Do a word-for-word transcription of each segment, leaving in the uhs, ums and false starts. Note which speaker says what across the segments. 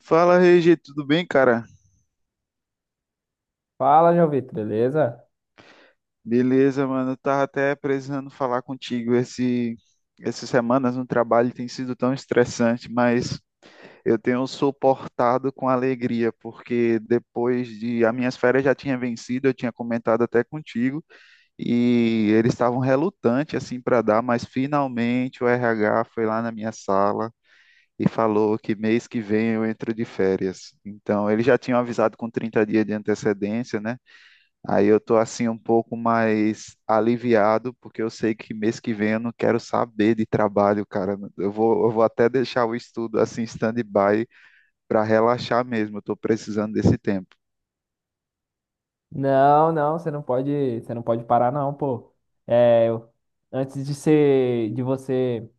Speaker 1: Fala, Regi, tudo bem, cara?
Speaker 2: Fala, João Vitor, beleza?
Speaker 1: Beleza, mano. Eu tava até precisando falar contigo. Esse, essas semanas no trabalho tem sido tão estressante, mas eu tenho suportado com alegria, porque depois de as minhas férias já tinha vencido, eu tinha comentado até contigo, e eles estavam relutantes assim para dar, mas finalmente o R H foi lá na minha sala. E falou que mês que vem eu entro de férias. Então, eles já tinham avisado com trinta dias de antecedência, né? Aí eu tô assim um pouco mais aliviado, porque eu sei que mês que vem eu não quero saber de trabalho, cara. Eu vou, eu vou até deixar o estudo assim stand-by para relaxar mesmo. Eu tô precisando desse tempo.
Speaker 2: Não, não, você não pode, você não pode parar não, pô. É, eu- antes de ser, de você,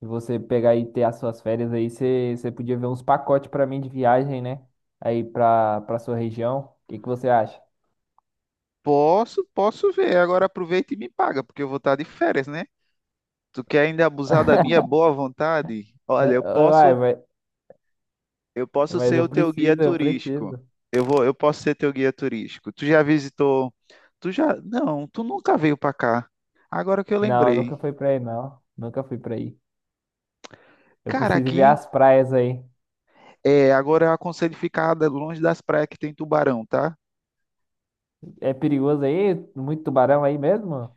Speaker 2: de você pegar e ter as suas férias aí, você, você podia ver uns pacotes pra mim de viagem, né? Aí pra, pra sua região. O que que você acha?
Speaker 1: Posso, posso ver. Agora aproveita e me paga, porque eu vou estar de férias, né? Tu quer ainda abusar da minha boa vontade? Olha,
Speaker 2: Eu-
Speaker 1: eu
Speaker 2: eu- Uai,
Speaker 1: posso,
Speaker 2: mas,
Speaker 1: eu posso
Speaker 2: mas
Speaker 1: ser
Speaker 2: eu
Speaker 1: o teu guia
Speaker 2: preciso, eu
Speaker 1: turístico.
Speaker 2: preciso.
Speaker 1: Eu vou, eu posso ser teu guia turístico. Tu já visitou? Tu já? Não, tu nunca veio para cá. Agora que eu
Speaker 2: Não, eu
Speaker 1: lembrei.
Speaker 2: nunca fui pra aí, não. Nunca fui pra aí. Eu
Speaker 1: Cara,
Speaker 2: preciso ver
Speaker 1: aqui
Speaker 2: as praias aí.
Speaker 1: é, agora eu aconselho ficar da- longe das praias que tem tubarão, tá?
Speaker 2: É perigoso aí? Muito tubarão aí mesmo?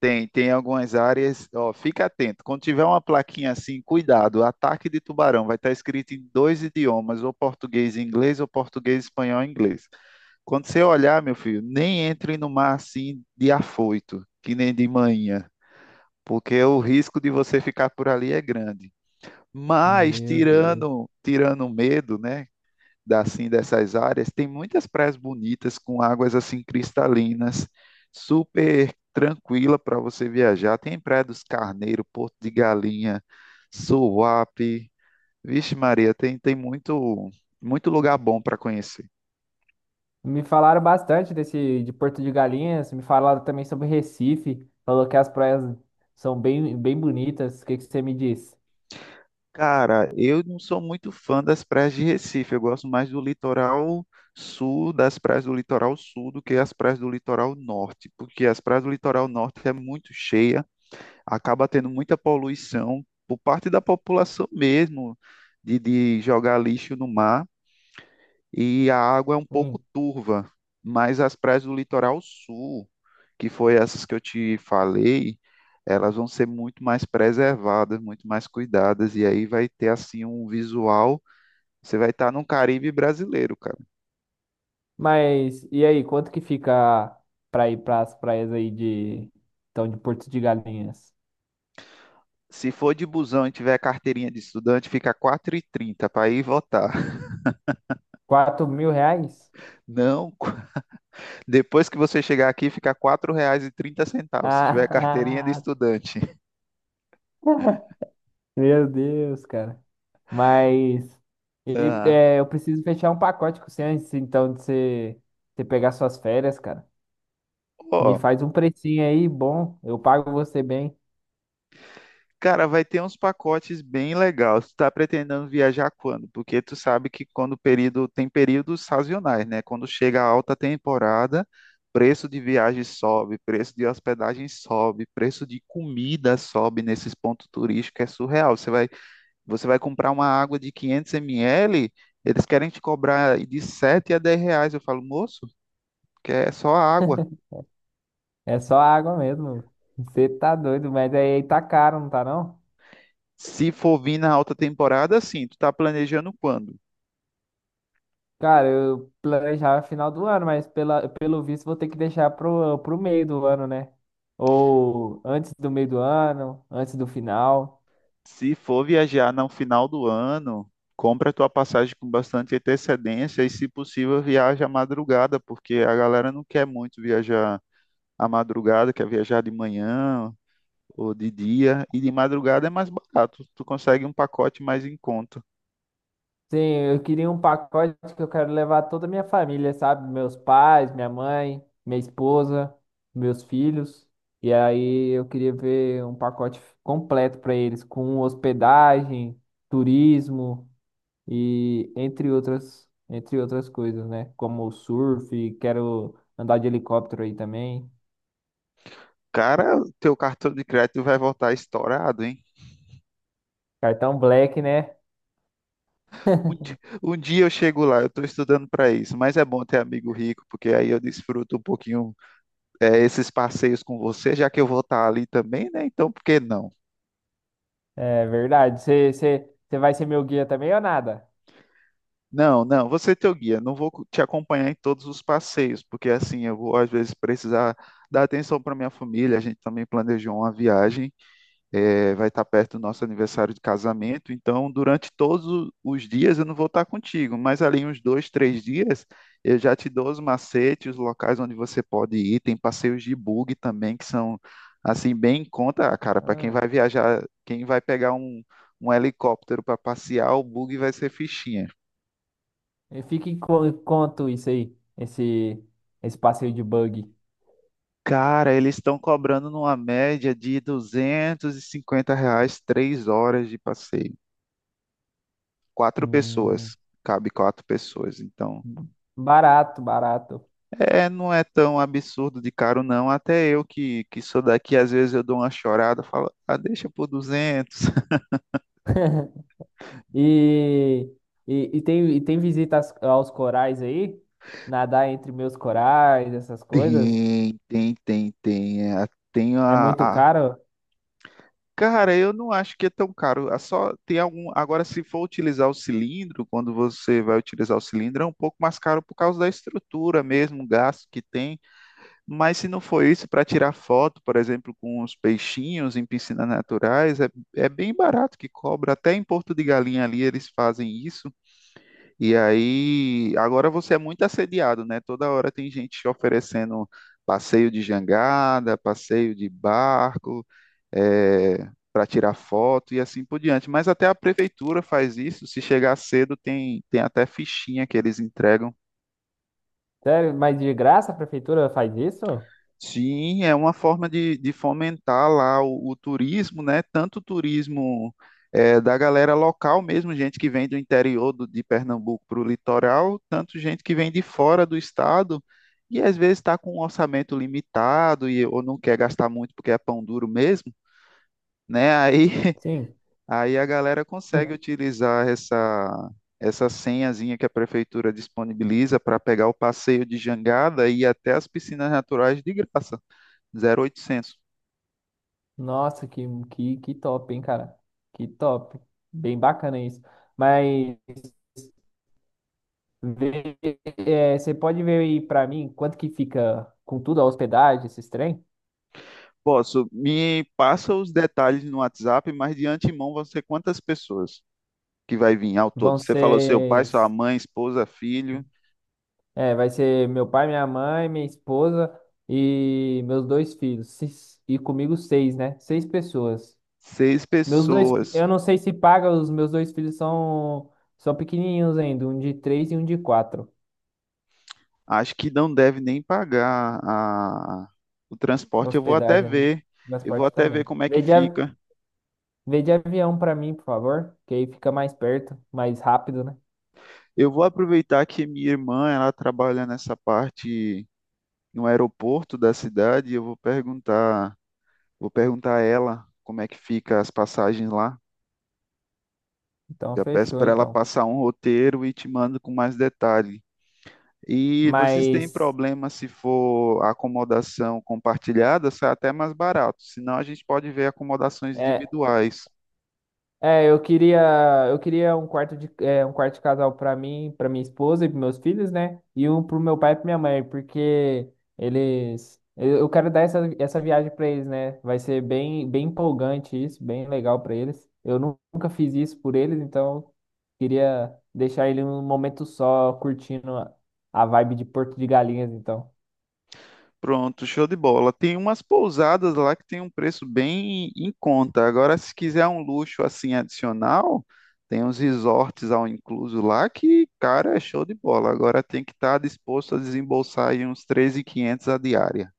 Speaker 1: Tem, tem algumas áreas, ó, fica atento. Quando tiver uma plaquinha assim, cuidado, ataque de tubarão, vai estar escrito em dois idiomas, ou português e inglês, ou português, espanhol e inglês. Quando você olhar, meu filho, nem entre no mar assim de afoito, que nem de manhã, porque o risco de você ficar por ali é grande. Mas
Speaker 2: Meu Deus.
Speaker 1: tirando, tirando o medo, né, da, assim, dessas áreas, tem muitas praias bonitas com águas assim cristalinas, super tranquila para você viajar. Tem Praia dos Carneiros, Porto de Galinha, Suape. Vixe Maria, tem, tem muito, muito lugar bom para conhecer.
Speaker 2: Me falaram bastante desse de Porto de Galinhas, me falaram também sobre Recife, falou que as praias são bem, bem bonitas. O que que você me diz?
Speaker 1: Cara, eu não sou muito fã das praias de Recife. Eu gosto mais do litoral sul, das praias do litoral sul, do que as praias do litoral norte, porque as praias do litoral norte é muito cheia, acaba tendo muita poluição por parte da população mesmo, de, de jogar lixo no mar, e a água é um
Speaker 2: Hum.
Speaker 1: pouco turva, mas as praias do litoral sul, que foi essas que eu te falei, elas vão ser muito mais preservadas, muito mais cuidadas, e aí vai ter assim um visual. Você vai estar num Caribe brasileiro, cara.
Speaker 2: Mas e aí, quanto que fica para ir para as praias aí de então de Porto de Galinhas?
Speaker 1: Se for de busão e tiver carteirinha de estudante, fica quatro e trinta para ir votar.
Speaker 2: Quatro mil reais?
Speaker 1: Não. Depois que você chegar aqui, fica quatro reais e trinta centavos, se tiver carteirinha de
Speaker 2: Ah,
Speaker 1: estudante.
Speaker 2: meu Deus, cara. Mas e,
Speaker 1: Ah,
Speaker 2: é, eu preciso fechar um pacote com você antes então de você, você pegar suas férias, cara. Me
Speaker 1: ó,
Speaker 2: faz um precinho aí bom, eu pago você bem.
Speaker 1: cara, vai ter uns pacotes bem legais. Tu tá pretendendo viajar quando? Porque tu sabe que quando o período tem períodos sazonais, né? Quando chega a alta temporada, preço de viagem sobe, preço de hospedagem sobe, preço de comida sobe nesses pontos turísticos, é surreal. Você vai, você vai comprar uma água de quinhentos ml, eles querem te cobrar de sete a dez reais. Eu falo, moço, que é só a água.
Speaker 2: É só água mesmo. Você tá doido, mas aí tá caro, não tá não?
Speaker 1: Se for vir na alta temporada, sim, tu tá planejando quando?
Speaker 2: Cara, eu planejava final do ano, mas pela, pelo visto vou ter que deixar pro, pro meio do ano, né? Ou antes do meio do ano, antes do final.
Speaker 1: Se for viajar no final do ano, compra tua passagem com bastante antecedência e, se possível, viaja à madrugada, porque a galera não quer muito viajar à madrugada, quer viajar de manhã ou de dia, e de madrugada é mais barato, tu consegue um pacote mais em conta.
Speaker 2: Sim, eu queria um pacote que eu quero levar toda a minha família, sabe? Meus pais, minha mãe, minha esposa, meus filhos. E aí eu queria ver um pacote completo para eles, com hospedagem, turismo e entre outras, entre outras coisas, né? Como o surf, quero andar de helicóptero aí também.
Speaker 1: Cara, teu cartão de crédito vai voltar estourado, hein?
Speaker 2: Cartão Black, né?
Speaker 1: Um di- um dia eu chego lá, eu estou estudando para isso, mas é bom ter amigo rico, porque aí eu desfruto um pouquinho é, esses passeios com você, já que eu vou estar ali também, né? Então, por que não?
Speaker 2: É verdade. Você vai ser meu guia também ou nada?
Speaker 1: Não, não, você é teu guia, não vou co- te acompanhar em todos os passeios, porque assim eu vou às vezes precisar dar atenção para minha família, a gente também planejou uma viagem. É, vai estar perto do nosso aniversário de casamento, então durante todos o- os dias eu não vou estar contigo, mas ali uns dois, três dias eu já te dou os macetes, os locais onde você pode ir, tem passeios de bug também que são assim bem em conta, cara, para quem
Speaker 2: Ah.
Speaker 1: vai viajar, quem vai pegar um, um helicóptero para passear, o bug vai ser fichinha.
Speaker 2: E fica em qu- quanto isso aí? Esse, esse passeio de buggy.
Speaker 1: Cara, eles estão cobrando numa média de duzentos e cinquenta reais, três horas de passeio. Quatro
Speaker 2: Hum,
Speaker 1: pessoas, cabe quatro pessoas. Então.
Speaker 2: barato, barato.
Speaker 1: É, é, não é tão absurdo de caro, não. Até eu que, que sou daqui, às vezes eu dou uma chorada, falo, ah, deixa por duzentos.
Speaker 2: E, e, e tem, e tem visitas aos corais aí? Nadar entre meus corais, essas coisas?
Speaker 1: Tem, tem, tem, tem. É, Tem
Speaker 2: É
Speaker 1: a,
Speaker 2: muito
Speaker 1: a-
Speaker 2: caro?
Speaker 1: Cara, eu não acho que é tão caro. É só tem algum. Agora, se for utilizar o cilindro, quando você vai utilizar o cilindro, é um pouco mais caro por causa da estrutura mesmo, o gasto que tem. Mas se não for isso, para tirar foto, por exemplo, com os peixinhos em piscinas naturais, é, é bem barato que cobra. Até em Porto de Galinha ali eles fazem isso. E aí, agora você é muito assediado, né? Toda hora tem gente te oferecendo passeio de jangada, passeio de barco, para tirar foto e assim por diante. Mas até a prefeitura faz isso. Se chegar cedo, tem, tem até fichinha que eles entregam.
Speaker 2: Sério? Mas de graça a prefeitura faz isso?
Speaker 1: Sim, é uma forma de, de fomentar lá o, o turismo, né? Tanto o turismo eh, da galera local mesmo, gente que vem do interior do- de Pernambuco para o litoral, tanto gente que vem de fora do estado e às vezes está com um orçamento limitado e, ou não quer gastar muito porque é pão duro mesmo, né? Aí,
Speaker 2: Sim.
Speaker 1: aí a galera
Speaker 2: Hum.
Speaker 1: consegue utilizar essa, essa senhazinha que a prefeitura disponibiliza para pegar o passeio de jangada e ir até as piscinas naturais de graça, zero oitocentos.
Speaker 2: Nossa, que, que, que top, hein, cara? Que top. Bem bacana isso. Mas. Vê, é, você pode ver aí pra mim quanto que fica com tudo a hospedagem, esses trem?
Speaker 1: Posso, me passa os detalhes no WhatsApp, mas de antemão vão ser quantas pessoas que vai vir ao todo?
Speaker 2: Vão
Speaker 1: Você falou seu pai,
Speaker 2: ser,
Speaker 1: sua mãe, esposa, filho,
Speaker 2: é, vai ser meu pai, minha mãe, minha esposa e meus dois filhos. Seis- E comigo seis, né? Seis pessoas.
Speaker 1: seis
Speaker 2: Meus dois, fi-
Speaker 1: pessoas.
Speaker 2: eu não sei se paga, os meus dois filhos são são pequenininhos ainda, um de três e um de quatro.
Speaker 1: Acho que não deve nem pagar a- o transporte. Eu vou até
Speaker 2: Hospedagem, né?
Speaker 1: ver, eu vou
Speaker 2: Transporte
Speaker 1: até ver
Speaker 2: também.
Speaker 1: como é que
Speaker 2: Vê de, av-
Speaker 1: fica.
Speaker 2: vê de avião pra mim, por favor, que aí fica mais perto, mais rápido, né?
Speaker 1: Eu vou aproveitar que minha irmã, ela trabalha nessa parte no aeroporto da cidade, e eu vou perguntar, vou perguntar a ela como é que fica as passagens lá.
Speaker 2: Então
Speaker 1: Já peço
Speaker 2: fechou,
Speaker 1: para ela
Speaker 2: então.
Speaker 1: passar um roteiro e te mando com mais detalhe. E vocês têm
Speaker 2: Mas
Speaker 1: problema se for acomodação compartilhada, sai até mais barato. Senão a gente pode ver acomodações
Speaker 2: é,
Speaker 1: individuais.
Speaker 2: é, eu queria, eu queria um quarto de, é, um quarto de casal pra mim, pra minha esposa e pros meus filhos, né? E um pro meu pai e pra minha mãe, porque eles, eu eu quero dar essa, essa viagem pra eles, né? Vai ser bem, bem empolgante isso, bem legal pra eles. Eu nu- nunca fiz isso por eles, então queria deixar ele um momento só curtindo a vibe de Porto de Galinhas, então.
Speaker 1: Pronto, show de bola. Tem umas pousadas lá que tem um preço bem em conta. Agora, se quiser um luxo assim adicional, tem uns resorts ao incluso lá que, cara, é show de bola. Agora tem que estar disposto a desembolsar aí uns treze mil e quinhentos a diária.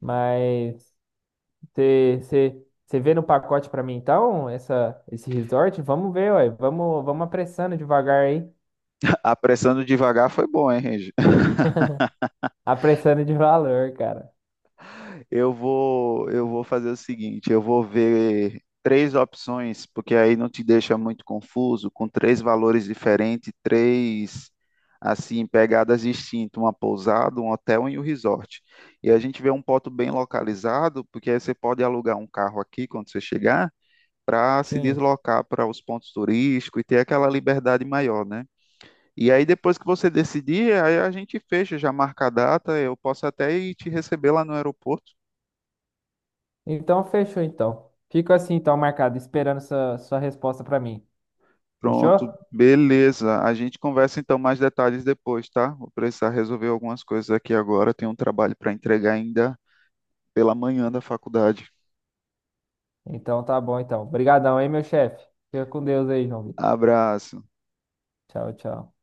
Speaker 2: Mas você você- você vê no pacote pra mim, então, essa, esse resort? Vamos ver, ué. Vamos, vamos apressando devagar aí.
Speaker 1: Apressando devagar foi bom, hein, Regi?
Speaker 2: Apressando de valor, cara.
Speaker 1: Eu vou, eu vou fazer o seguinte, eu vou ver três opções, porque aí não te deixa muito confuso, com três valores diferentes, três assim pegadas distintas, uma pousada, um hotel e um resort. E a gente vê um ponto bem localizado, porque aí você pode alugar um carro aqui quando você chegar, para se
Speaker 2: Sim.
Speaker 1: deslocar para os pontos turísticos e ter aquela liberdade maior, né? E aí depois que você decidir, aí a gente fecha, já marca a data, eu posso até ir te receber lá no aeroporto.
Speaker 2: Então, fechou, então. Fico assim, então, marcado, esperando sua, sua resposta pra mim.
Speaker 1: Pronto,
Speaker 2: Fechou?
Speaker 1: beleza. A gente conversa então mais detalhes depois, tá? Vou precisar resolver algumas coisas aqui agora. Tenho um trabalho para entregar ainda pela manhã da faculdade.
Speaker 2: Então tá bom, então. Obrigadão, hein, meu chefe? Fica com Deus aí, João Vitor.
Speaker 1: Abraço.
Speaker 2: Tchau, tchau.